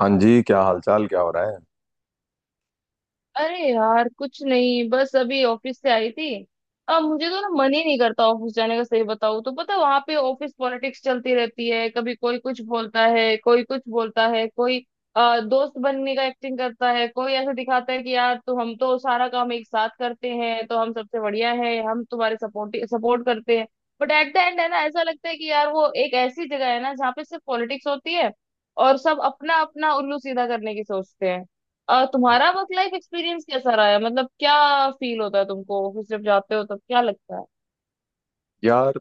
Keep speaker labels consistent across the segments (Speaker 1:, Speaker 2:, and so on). Speaker 1: हाँ जी, क्या हालचाल, क्या हो रहा है?
Speaker 2: अरे यार कुछ नहीं, बस अभी ऑफिस से आई थी। अब मुझे तो ना मन ही नहीं करता ऑफिस जाने का। सही बताऊं तो पता वहां पे ऑफिस पॉलिटिक्स चलती रहती है। कभी कोई कुछ बोलता है, कोई कुछ बोलता है, कोई दोस्त बनने का एक्टिंग करता है। कोई ऐसे दिखाता है कि यार, तो हम तो सारा काम एक साथ करते हैं तो हम सबसे बढ़िया है, हम तुम्हारे सपोर्ट सपोर्ट करते हैं। बट एट द एंड है ना, ऐसा लगता है कि यार वो एक ऐसी जगह है ना जहाँ पे सिर्फ पॉलिटिक्स होती है। और सब अपना अपना उल्लू सीधा करने की सोचते हैं। तुम्हारा वर्क लाइफ एक्सपीरियंस कैसा रहा है? मतलब क्या फील होता है तुमको, ऑफिस जब जाते हो तब क्या लगता है?
Speaker 1: यार,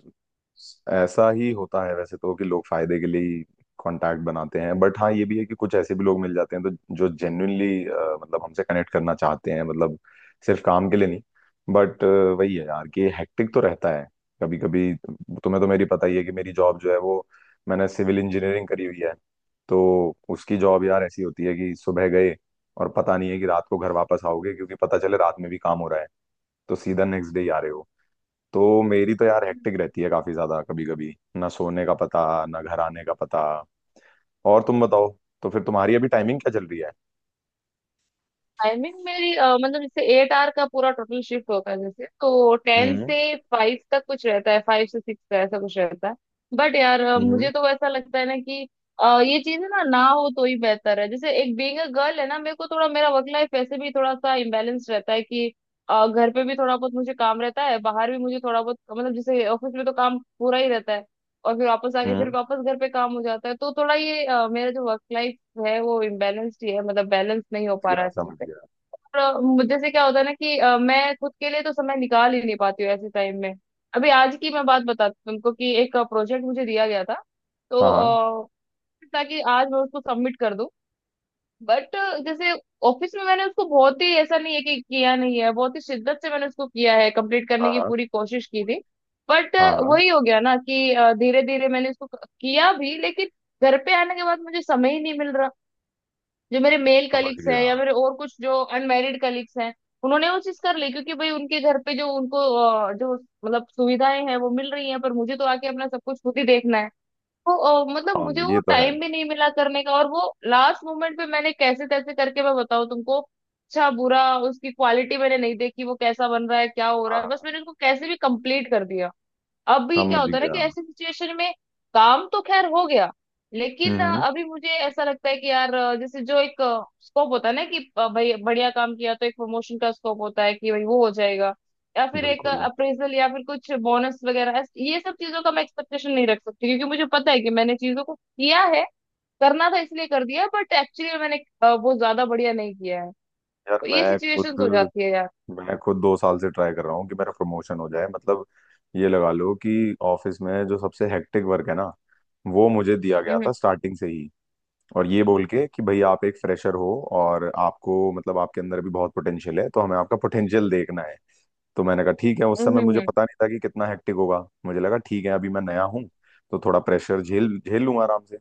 Speaker 1: ऐसा ही होता है वैसे तो कि लोग फायदे के लिए ही कांटेक्ट बनाते हैं। बट हाँ, ये भी है कि कुछ ऐसे भी लोग मिल जाते हैं तो जो जेन्युइनली मतलब हमसे कनेक्ट करना चाहते हैं, मतलब सिर्फ काम के लिए नहीं। बट वही है यार कि हेक्टिक तो रहता है कभी कभी। तुम्हें तो मेरी पता ही है कि मेरी जॉब जो है वो, मैंने सिविल इंजीनियरिंग करी हुई है। तो उसकी जॉब यार ऐसी होती है कि सुबह गए और पता नहीं है कि रात को घर वापस आओगे, क्योंकि पता चले रात में भी काम हो रहा है तो सीधा नेक्स्ट डे ही आ रहे हो। तो मेरी तो यार हेक्टिक रहती है काफी ज्यादा, कभी कभी ना सोने का पता, ना घर आने का पता। और तुम बताओ, तो फिर तुम्हारी अभी टाइमिंग क्या चल रही है?
Speaker 2: टाइमिंग मेरी मतलब जैसे 8 आवर का पूरा टोटल शिफ्ट होता है, जैसे तो टेन
Speaker 1: हम्म।
Speaker 2: से फाइव तक कुछ रहता है, 5 से 6 का ऐसा कुछ रहता है। बट यार
Speaker 1: हम्म।
Speaker 2: मुझे तो ऐसा लगता है ना कि ये चीज है ना, ना हो तो ही बेहतर है। जैसे एक बीइंग अ गर्ल है ना, मेरे को थोड़ा मेरा वर्क लाइफ वैसे भी थोड़ा सा इम्बेलेंस रहता है कि घर पे भी थोड़ा बहुत मुझे काम रहता है, बाहर भी मुझे थोड़ा बहुत, मतलब जैसे ऑफिस में तो काम पूरा ही रहता है। और फिर वापस आके फिर
Speaker 1: हम्म।
Speaker 2: वापस घर पे काम हो जाता है, तो थोड़ा ये मेरा जो वर्क लाइफ है वो इम्बेलेंस्ड ही है, मतलब बैलेंस नहीं हो
Speaker 1: समझ
Speaker 2: पा रहा
Speaker 1: गया,
Speaker 2: है अच्छे
Speaker 1: समझ
Speaker 2: से।
Speaker 1: गया।
Speaker 2: और मुझे जैसे क्या होता है ना कि मैं खुद के लिए तो समय निकाल ही नहीं पाती हूँ ऐसे टाइम में। अभी आज की मैं बात बताती हूँ तुमको कि एक प्रोजेक्ट मुझे दिया गया था। तो
Speaker 1: हाँ
Speaker 2: ताकि आज मैं उसको सबमिट कर दूं। बट जैसे ऑफिस में मैंने उसको बहुत ही, ऐसा नहीं है कि किया नहीं है, बहुत ही शिद्दत से मैंने उसको किया है, कंप्लीट करने
Speaker 1: हाँ।
Speaker 2: की
Speaker 1: हाँ
Speaker 2: पूरी कोशिश की थी। बट
Speaker 1: हाँ। हाँ, हाँ,
Speaker 2: वही हो गया ना कि धीरे धीरे मैंने उसको किया भी, लेकिन घर पे आने के बाद मुझे समय ही नहीं मिल रहा। जो मेरे मेल
Speaker 1: समझ
Speaker 2: कलीग्स हैं
Speaker 1: गया।
Speaker 2: या मेरे और कुछ जो अनमैरिड कलीग्स हैं, उन्होंने वो चीज कर ली, क्योंकि भाई उनके घर पे जो उनको जो मतलब सुविधाएं हैं वो मिल रही हैं, पर मुझे तो आके अपना सब कुछ खुद ही देखना है। तो मतलब
Speaker 1: हाँ,
Speaker 2: मुझे वो
Speaker 1: ये तो है।
Speaker 2: टाइम भी नहीं मिला करने का। और वो लास्ट मोमेंट पे मैंने कैसे तैसे करके, मैं बताऊँ तुमको, अच्छा बुरा उसकी क्वालिटी मैंने नहीं देखी, वो कैसा बन रहा है क्या हो
Speaker 1: हाँ
Speaker 2: रहा है, बस
Speaker 1: हाँ,
Speaker 2: मैंने उसको कैसे भी कंप्लीट कर दिया। अब भी क्या
Speaker 1: समझ
Speaker 2: होता है ना कि
Speaker 1: गया।
Speaker 2: ऐसी सिचुएशन में काम तो खैर हो गया,
Speaker 1: हम्म।
Speaker 2: लेकिन अभी मुझे ऐसा लगता है कि यार जैसे जो एक स्कोप होता है ना कि भाई बढ़िया काम किया तो एक प्रमोशन का स्कोप होता है कि भाई वो हो जाएगा, या फिर एक
Speaker 1: बिल्कुल।
Speaker 2: अप्रेजल या फिर कुछ बोनस वगैरह। ये सब चीजों का मैं एक्सपेक्टेशन नहीं रख सकती क्योंकि मुझे पता है कि मैंने चीजों को किया है, करना था इसलिए कर दिया, बट एक्चुअली मैंने वो ज्यादा बढ़िया नहीं किया है।
Speaker 1: यार
Speaker 2: तो ये
Speaker 1: मैं
Speaker 2: सिचुएशंस हो
Speaker 1: खुद
Speaker 2: जाती है यार।
Speaker 1: मैं खुद 2 साल से ट्राई कर रहा हूँ कि मेरा प्रमोशन हो जाए। मतलब ये लगा लो कि ऑफिस में जो सबसे हेक्टिक वर्क है ना, वो मुझे दिया गया
Speaker 2: हम्म।
Speaker 1: था स्टार्टिंग से ही। और ये बोल के कि भाई आप एक फ्रेशर हो, और आपको मतलब आपके अंदर भी बहुत पोटेंशियल है तो हमें आपका पोटेंशियल देखना है। तो मैंने कहा ठीक है, उस
Speaker 2: हम्म।
Speaker 1: समय
Speaker 2: हम्म।
Speaker 1: मुझे
Speaker 2: हम्म।
Speaker 1: पता नहीं था कि कितना हेक्टिक होगा। मुझे लगा ठीक है, अभी मैं नया हूँ तो थोड़ा प्रेशर झेल झेल लूंगा आराम से।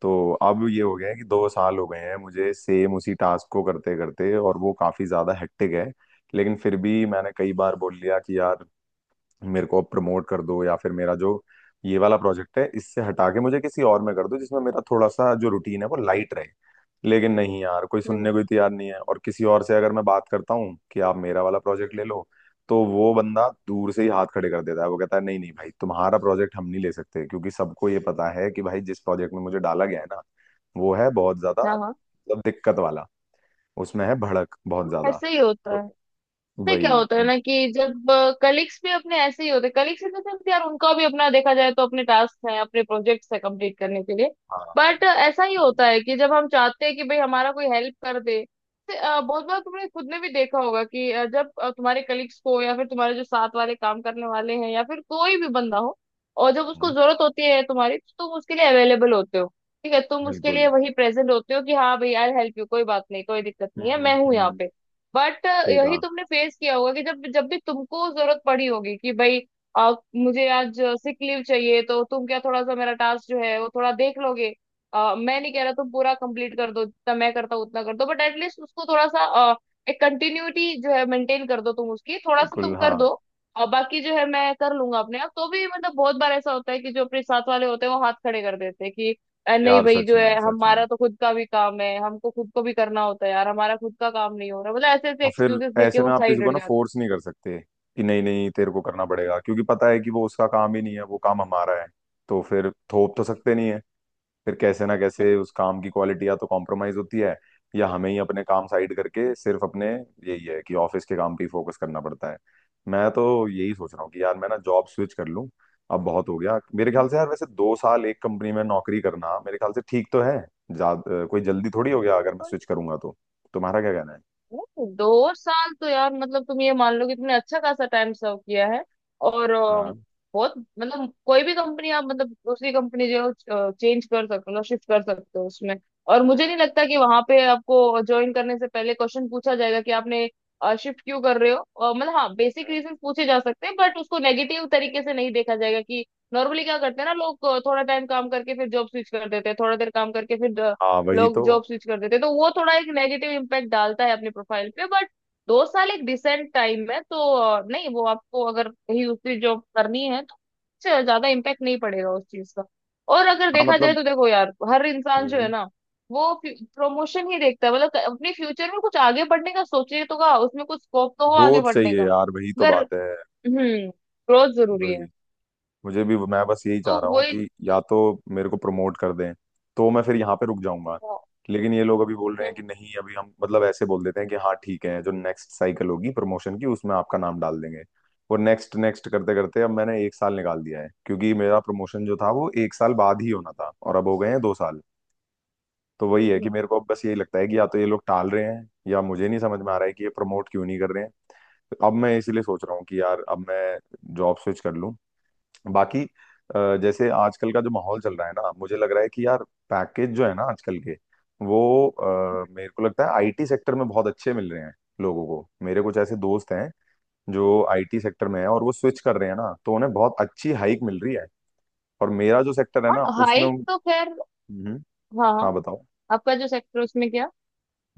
Speaker 1: तो अब ये हो गया है कि 2 साल हो गए हैं मुझे सेम उसी टास्क को करते करते, और वो काफी ज्यादा हेक्टिक है। लेकिन फिर भी मैंने कई बार बोल लिया कि यार मेरे को अब प्रमोट कर दो, या फिर मेरा जो ये वाला प्रोजेक्ट है इससे हटा के मुझे किसी और में कर दो जिसमें मेरा थोड़ा सा जो रूटीन है वो लाइट रहे। लेकिन नहीं यार, कोई
Speaker 2: हम्म।
Speaker 1: सुनने को ही तैयार नहीं है। और किसी और से अगर मैं बात करता हूँ कि आप मेरा वाला प्रोजेक्ट ले लो, तो वो बंदा दूर से ही हाथ खड़े कर देता है। वो कहता है नहीं नहीं भाई, तुम्हारा प्रोजेक्ट हम नहीं ले सकते, क्योंकि सबको ये पता है कि भाई जिस प्रोजेक्ट में मुझे डाला गया है ना, वो है बहुत ज्यादा
Speaker 2: हाँ हाँ,
Speaker 1: मतलब दिक्कत वाला। उसमें है भड़क बहुत ज्यादा।
Speaker 2: ऐसे ही होता
Speaker 1: तो
Speaker 2: है। में क्या
Speaker 1: वही
Speaker 2: होता है
Speaker 1: तो।
Speaker 2: ना कि जब कलीग्स भी अपने ऐसे ही होते हैं, कलीग्स इन द सेंस यार उनका भी अपना देखा जाए तो अपने टास्क हैं अपने प्रोजेक्ट्स हैं कंप्लीट करने के लिए।
Speaker 1: हाँ।
Speaker 2: बट ऐसा ही होता है कि जब हम चाहते हैं कि भाई हमारा कोई हेल्प कर दे, तो बहुत बार तुमने खुद ने भी देखा होगा कि जब तुम्हारे कलीग्स को या फिर तुम्हारे जो साथ वाले काम करने वाले हैं या फिर कोई भी बंदा हो, और जब उसको जरूरत होती है तुम्हारी तो तुम उसके लिए अवेलेबल होते हो। ठीक है, तुम उसके लिए
Speaker 1: बिल्कुल।
Speaker 2: वही प्रेजेंट होते हो कि हाँ भाई आई हेल्प यू, कोई बात नहीं, कोई दिक्कत नहीं है, मैं हूँ यहाँ
Speaker 1: हम्म।
Speaker 2: पे। बट
Speaker 1: सही
Speaker 2: यही
Speaker 1: कहा।
Speaker 2: तुमने फेस किया होगा कि जब जब भी तुमको जरूरत पड़ी होगी कि भाई मुझे आज सिक लीव चाहिए तो तुम क्या थोड़ा सा मेरा टास्क जो है वो थोड़ा देख लोगे। मैं नहीं कह रहा तुम पूरा कंप्लीट कर दो जितना मैं करता हूँ उतना कर दो, बट एटलीस्ट उसको थोड़ा सा अ, एक कंटिन्यूटी जो है मेंटेन कर दो, तुम उसकी थोड़ा सा
Speaker 1: बिल्कुल
Speaker 2: तुम कर
Speaker 1: हाँ।
Speaker 2: दो। और बाकी जो है मैं कर लूंगा अपने आप। तो भी मतलब बहुत बार ऐसा होता है कि जो अपने साथ वाले होते हैं वो हाथ खड़े कर देते हैं कि अरे नहीं
Speaker 1: यार
Speaker 2: भाई,
Speaker 1: सच
Speaker 2: जो है
Speaker 1: में सच में,
Speaker 2: हमारा तो खुद का भी काम है, हमको खुद को भी करना होता है यार, हमारा खुद का काम नहीं हो रहा, मतलब ऐसे ऐसे
Speaker 1: और फिर
Speaker 2: एक्सक्यूजेस देके
Speaker 1: ऐसे में
Speaker 2: वो
Speaker 1: आप किसी
Speaker 2: साइड
Speaker 1: को
Speaker 2: हट
Speaker 1: ना
Speaker 2: जाते
Speaker 1: फोर्स नहीं कर सकते कि नहीं नहीं तेरे को करना पड़ेगा, क्योंकि पता है कि वो उसका काम ही नहीं है, वो काम हमारा है, तो फिर थोप तो सकते नहीं है। फिर कैसे ना
Speaker 2: हैं।
Speaker 1: कैसे उस काम की क्वालिटी या तो कॉम्प्रोमाइज होती है, या हमें ही अपने काम साइड करके सिर्फ अपने, यही है कि ऑफिस के काम पे ही फोकस करना पड़ता है। मैं तो यही सोच रहा हूँ कि यार मैं ना जॉब स्विच कर लूँ। अब बहुत हो गया मेरे
Speaker 2: हम्म।
Speaker 1: ख्याल से। यार वैसे 2 साल एक कंपनी में नौकरी करना मेरे ख्याल से ठीक तो है, ज्यादा कोई जल्दी थोड़ी हो गया अगर मैं स्विच करूंगा तो। तुम्हारा क्या कहना है?
Speaker 2: नहीं, 2 साल तो यार मतलब तुम ये मान लो कि तुमने अच्छा खासा टाइम सर्व किया है। और बहुत मतलब कोई भी कंपनी आप, मतलब दूसरी कंपनी जो चेंज कर सकते हो, शिफ्ट कर सकते हो उसमें। और मुझे नहीं
Speaker 1: हाँ
Speaker 2: लगता कि वहां पे आपको ज्वाइन करने से पहले क्वेश्चन पूछा जाएगा कि आपने शिफ्ट क्यों कर रहे हो। मतलब हाँ बेसिक रीजन पूछे जा सकते हैं, बट उसको नेगेटिव तरीके से नहीं देखा जाएगा कि नॉर्मली क्या करते हैं ना लोग, थोड़ा टाइम काम करके फिर जॉब स्विच कर देते हैं, थोड़ा देर काम करके फिर
Speaker 1: हाँ, वही
Speaker 2: लोग
Speaker 1: तो।
Speaker 2: जॉब स्विच कर देते हैं, तो वो थोड़ा एक नेगेटिव इम्पैक्ट डालता है अपनी प्रोफाइल पे। बट 2 साल एक डिसेंट टाइम है, तो नहीं वो आपको अगर कहीं दूसरी जॉब करनी है तो उससे ज्यादा इम्पैक्ट नहीं पड़ेगा उस चीज का। और अगर
Speaker 1: हाँ,
Speaker 2: देखा जाए
Speaker 1: मतलब।
Speaker 2: तो देखो यार हर इंसान जो है
Speaker 1: हम्म,
Speaker 2: ना वो प्रमोशन ही देखता है, मतलब अपने फ्यूचर में कुछ आगे बढ़ने का सोचे तो का उसमें कुछ स्कोप तो हो आगे
Speaker 1: ग्रोथ
Speaker 2: बढ़ने
Speaker 1: चाहिए
Speaker 2: का
Speaker 1: यार, वही तो
Speaker 2: अगर।
Speaker 1: बात है।
Speaker 2: हम्म, ग्रोथ जरूरी
Speaker 1: वही।
Speaker 2: है।
Speaker 1: मुझे भी, मैं बस यही चाह
Speaker 2: तो
Speaker 1: रहा हूँ
Speaker 2: वही।
Speaker 1: कि या तो मेरे को प्रमोट कर दें तो मैं फिर यहाँ पे रुक जाऊंगा। लेकिन ये लोग अभी बोल रहे हैं
Speaker 2: हम्म।
Speaker 1: कि नहीं अभी हम, मतलब ऐसे बोल देते हैं कि हाँ ठीक है, जो नेक्स्ट साइकिल होगी प्रमोशन की उसमें आपका नाम डाल देंगे। और नेक्स्ट नेक्स्ट करते करते अब मैंने एक साल निकाल दिया है, क्योंकि मेरा प्रमोशन जो था वो एक साल बाद ही होना था, और अब हो गए हैं 2 साल। तो वही है कि
Speaker 2: हम्म।
Speaker 1: मेरे को अब बस यही लगता है कि या तो ये लोग टाल रहे हैं, या मुझे नहीं समझ में आ रहा है कि ये प्रमोट क्यों नहीं कर रहे हैं। तो अब मैं इसीलिए सोच रहा हूँ कि यार अब मैं जॉब स्विच कर लूँ। बाकी जैसे आजकल का जो माहौल चल रहा है ना, मुझे लग रहा है कि यार पैकेज जो है ना आजकल के, वो मेरे को लगता है आईटी सेक्टर में बहुत अच्छे मिल रहे हैं लोगों को। मेरे कुछ ऐसे दोस्त हैं जो आईटी सेक्टर में है, और वो स्विच कर रहे हैं ना तो उन्हें बहुत अच्छी हाइक मिल रही है। और मेरा जो सेक्टर है
Speaker 2: हाँ,
Speaker 1: ना, उसमें।
Speaker 2: हाइट तो खैर।
Speaker 1: हम्म।
Speaker 2: हाँ हाँ।
Speaker 1: हाँ बताओ।
Speaker 2: आपका जो सेक्टर उसमें क्या?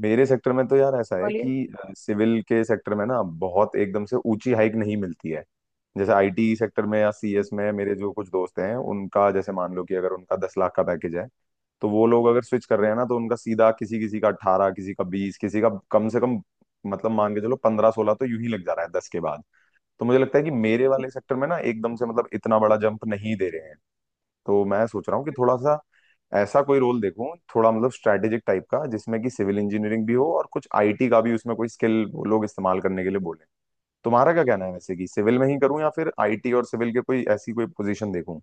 Speaker 1: मेरे सेक्टर में तो यार ऐसा है
Speaker 2: बोलिए।
Speaker 1: कि सिविल के सेक्टर में ना बहुत एकदम से ऊंची हाइक नहीं मिलती है। जैसे आईटी सेक्टर में या सीएस में, मेरे जो कुछ दोस्त हैं उनका, जैसे मान लो कि अगर उनका 10 लाख का पैकेज है, तो वो लोग अगर स्विच कर रहे हैं ना तो उनका सीधा किसी किसी का 18, किसी का 20, किसी का कम से कम, मतलब मान के चलो 15 16 तो यूं ही लग जा रहा है 10 के बाद। तो मुझे लगता है कि मेरे वाले सेक्टर में ना एकदम से मतलब इतना बड़ा जंप नहीं दे रहे हैं। तो मैं सोच रहा हूँ कि थोड़ा सा ऐसा कोई रोल देखूं, थोड़ा मतलब स्ट्रैटेजिक टाइप का, जिसमें कि सिविल इंजीनियरिंग भी हो और कुछ आईटी का भी, उसमें कोई स्किल वो लोग इस्तेमाल करने के लिए बोले। तुम्हारा क्या कहना है वैसे, कि सिविल में ही करूं या फिर आईटी और सिविल के कोई ऐसी कोई पोजीशन देखूं?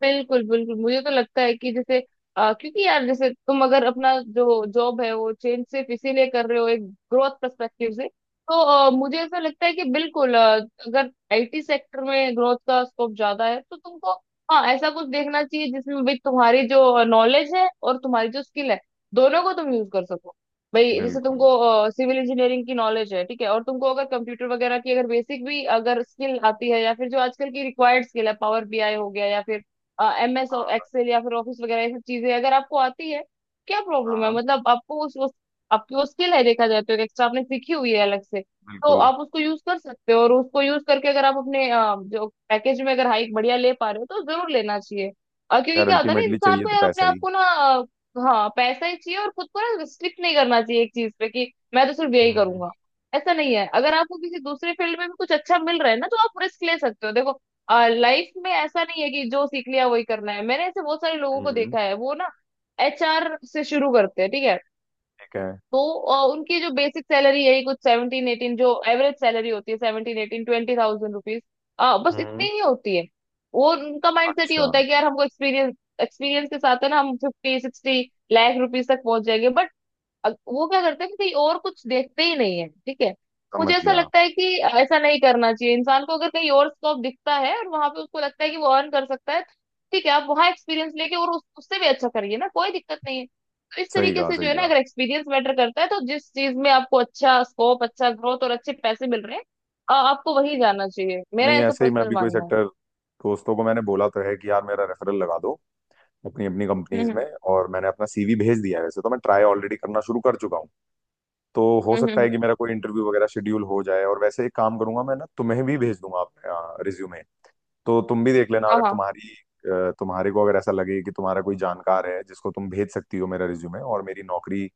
Speaker 2: बिल्कुल बिल्कुल, मुझे तो लगता है कि जैसे क्योंकि यार जैसे तुम अगर अपना जो जॉब है वो चेंज सिर्फ इसीलिए कर रहे हो एक ग्रोथ पर्सपेक्टिव से, तो मुझे ऐसा लगता है कि बिल्कुल, अगर IT सेक्टर में ग्रोथ का स्कोप ज्यादा है तो तुमको हाँ ऐसा कुछ देखना चाहिए जिसमें भी तुम्हारी जो नॉलेज है और तुम्हारी जो स्किल है दोनों को तुम यूज कर सको। भाई जैसे
Speaker 1: बिल्कुल।
Speaker 2: तुमको सिविल इंजीनियरिंग की नॉलेज है ठीक है, और तुमको अगर कंप्यूटर वगैरह की अगर बेसिक भी अगर स्किल आती है या फिर जो आजकल की रिक्वायर्ड स्किल है, पावर BI हो गया या फिर एम एस
Speaker 1: हाँ
Speaker 2: एक्सेल या फिर ऑफिस वगैरह, ये सब चीजें अगर आपको आती है क्या प्रॉब्लम है?
Speaker 1: हाँ।
Speaker 2: मतलब आपको आपकी वो स्किल है, देखा जाए तो एक एक्स्ट्रा आपने सीखी हुई है अलग से, तो
Speaker 1: बिल्कुल।
Speaker 2: आप उसको यूज कर सकते हो। और उसको यूज करके अगर आप अपने जो पैकेज में अगर हाइक बढ़िया ले पा रहे हो तो जरूर लेना चाहिए। और क्योंकि
Speaker 1: यार
Speaker 2: क्या होता है ना
Speaker 1: अल्टीमेटली
Speaker 2: इंसान
Speaker 1: चाहिए
Speaker 2: को
Speaker 1: तो
Speaker 2: यार अपने
Speaker 1: पैसा
Speaker 2: आप
Speaker 1: ही।
Speaker 2: को ना, हाँ पैसा ही चाहिए, और खुद को ना रिस्ट्रिक्ट नहीं करना चाहिए एक चीज पे कि मैं तो सिर्फ यही
Speaker 1: हम्म
Speaker 2: करूंगा। ऐसा नहीं है, अगर आपको किसी दूसरे फील्ड में भी कुछ अच्छा मिल रहा है ना तो आप रिस्क ले सकते हो देखो। लाइफ में ऐसा नहीं है कि जो सीख लिया वही करना है, मैंने ऐसे बहुत सारे लोगों को
Speaker 1: हम्म।
Speaker 2: देखा है वो ना HR से शुरू करते हैं ठीक है।
Speaker 1: ठीक है।
Speaker 2: तो उनकी जो बेसिक सैलरी है कुछ 17-18, जो एवरेज सैलरी होती है 17-18-20 थाउजेंड रुपीज, बस इतनी
Speaker 1: हम्म।
Speaker 2: ही होती है। वो उनका माइंडसेट ये
Speaker 1: अच्छा।
Speaker 2: होता है कि यार हमको एक्सपीरियंस एक्सपीरियंस के साथ है ना हम 50-60 लाख रुपीज तक पहुंच जाएंगे, बट अब वो क्या करते हैं कि कहीं और कुछ देखते ही नहीं है ठीक है। मुझे
Speaker 1: समझ
Speaker 2: ऐसा
Speaker 1: गया।
Speaker 2: लगता है कि ऐसा नहीं करना चाहिए इंसान को, अगर कहीं और स्कोप दिखता है और वहां पे उसको लगता है कि वो अर्न कर सकता है ठीक है, आप वहां एक्सपीरियंस लेके और उससे भी अच्छा करिए ना, कोई दिक्कत नहीं है। तो इस
Speaker 1: सही
Speaker 2: तरीके
Speaker 1: कहा
Speaker 2: से जो
Speaker 1: सही
Speaker 2: है ना
Speaker 1: कहा।
Speaker 2: अगर एक्सपीरियंस मैटर करता है तो जिस चीज में आपको अच्छा स्कोप, अच्छा ग्रोथ और अच्छे पैसे मिल रहे हैं, आपको वही जाना चाहिए, मेरा
Speaker 1: नहीं
Speaker 2: ऐसा
Speaker 1: ऐसे ही, मैं
Speaker 2: पर्सनल
Speaker 1: भी कोई
Speaker 2: मानना है।
Speaker 1: सेक्टर, दोस्तों को मैंने बोला तो है कि यार मेरा रेफरल लगा दो अपनी अपनी कंपनीज में।
Speaker 2: हम्म।
Speaker 1: और मैंने अपना सीवी भेज दिया है, वैसे तो मैं ट्राई ऑलरेडी करना शुरू कर चुका हूँ। तो हो
Speaker 2: हम्म। हम्म।
Speaker 1: सकता है
Speaker 2: हम्म।
Speaker 1: कि मेरा कोई इंटरव्यू वगैरह शेड्यूल हो जाए। और वैसे एक काम करूंगा मैं ना, तुम्हें भी भेज दूंगा अपना रिज्यूमे। तो तुम भी देख लेना,
Speaker 2: हाँ
Speaker 1: अगर
Speaker 2: हाँ।
Speaker 1: तुम्हारी तुम्हारे को अगर ऐसा लगे कि तुम्हारा कोई जानकार है जिसको तुम भेज सकती हो मेरा रिज्यूमे, और मेरी नौकरी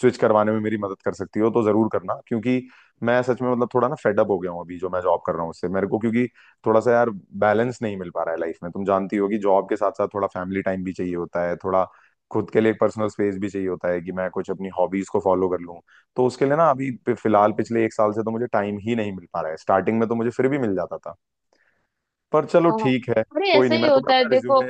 Speaker 1: स्विच करवाने में मेरी मदद कर सकती हो तो जरूर करना। क्योंकि मैं सच में, मतलब थोड़ा ना फेडअप हो गया हूँ अभी जो मैं जॉब कर रहा हूँ उससे, मेरे को क्योंकि थोड़ा सा यार बैलेंस नहीं मिल पा रहा है लाइफ में। तुम जानती हो कि जॉब के साथ साथ थोड़ा फैमिली टाइम भी चाहिए होता है, थोड़ा खुद के लिए एक पर्सनल स्पेस भी चाहिए होता है कि मैं कुछ अपनी हॉबीज को फॉलो कर लूँ। तो उसके लिए ना अभी फिलहाल
Speaker 2: हम्म।
Speaker 1: पिछले एक साल से तो मुझे टाइम ही नहीं मिल पा रहा है। स्टार्टिंग में तो मुझे फिर भी मिल जाता था। पर चलो,
Speaker 2: हाँ हाँ।
Speaker 1: ठीक है।
Speaker 2: अरे
Speaker 1: कोई
Speaker 2: ऐसा
Speaker 1: नहीं,
Speaker 2: ही
Speaker 1: मैं तुम्हें
Speaker 2: होता है
Speaker 1: अपना
Speaker 2: देखो।
Speaker 1: रिज्यूमे।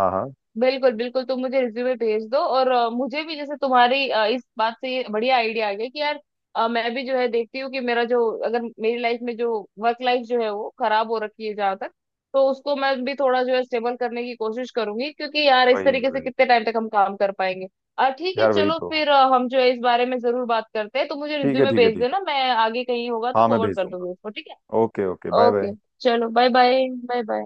Speaker 1: हाँ हाँ।
Speaker 2: बिल्कुल बिल्कुल, तुम मुझे रिज्यूमे भेज दो, और मुझे भी जैसे तुम्हारी इस बात से ये बढ़िया आइडिया आ गया कि यार मैं भी जो है देखती हूँ कि मेरा जो, अगर मेरी लाइफ में जो वर्क लाइफ जो है वो खराब हो रखी है जहाँ तक, तो उसको मैं भी थोड़ा जो है स्टेबल करने की कोशिश करूंगी, क्योंकि यार इस
Speaker 1: वही
Speaker 2: तरीके से
Speaker 1: वही।
Speaker 2: कितने टाइम तक हम काम कर पाएंगे। ठीक है
Speaker 1: यार वही
Speaker 2: चलो
Speaker 1: तो।
Speaker 2: फिर हम जो है इस बारे में जरूर बात करते हैं, तो मुझे
Speaker 1: ठीक है,
Speaker 2: रिज्यूमे
Speaker 1: ठीक है,
Speaker 2: भेज
Speaker 1: ठीक
Speaker 2: देना, मैं आगे कहीं होगा
Speaker 1: है।
Speaker 2: तो
Speaker 1: हाँ, मैं
Speaker 2: फॉरवर्ड
Speaker 1: भेज
Speaker 2: कर
Speaker 1: दूंगा।
Speaker 2: दूंगी उसको, ठीक है।
Speaker 1: Okay okay, bye
Speaker 2: okay,
Speaker 1: bye.
Speaker 2: चलो बाय बाय बाय बाय।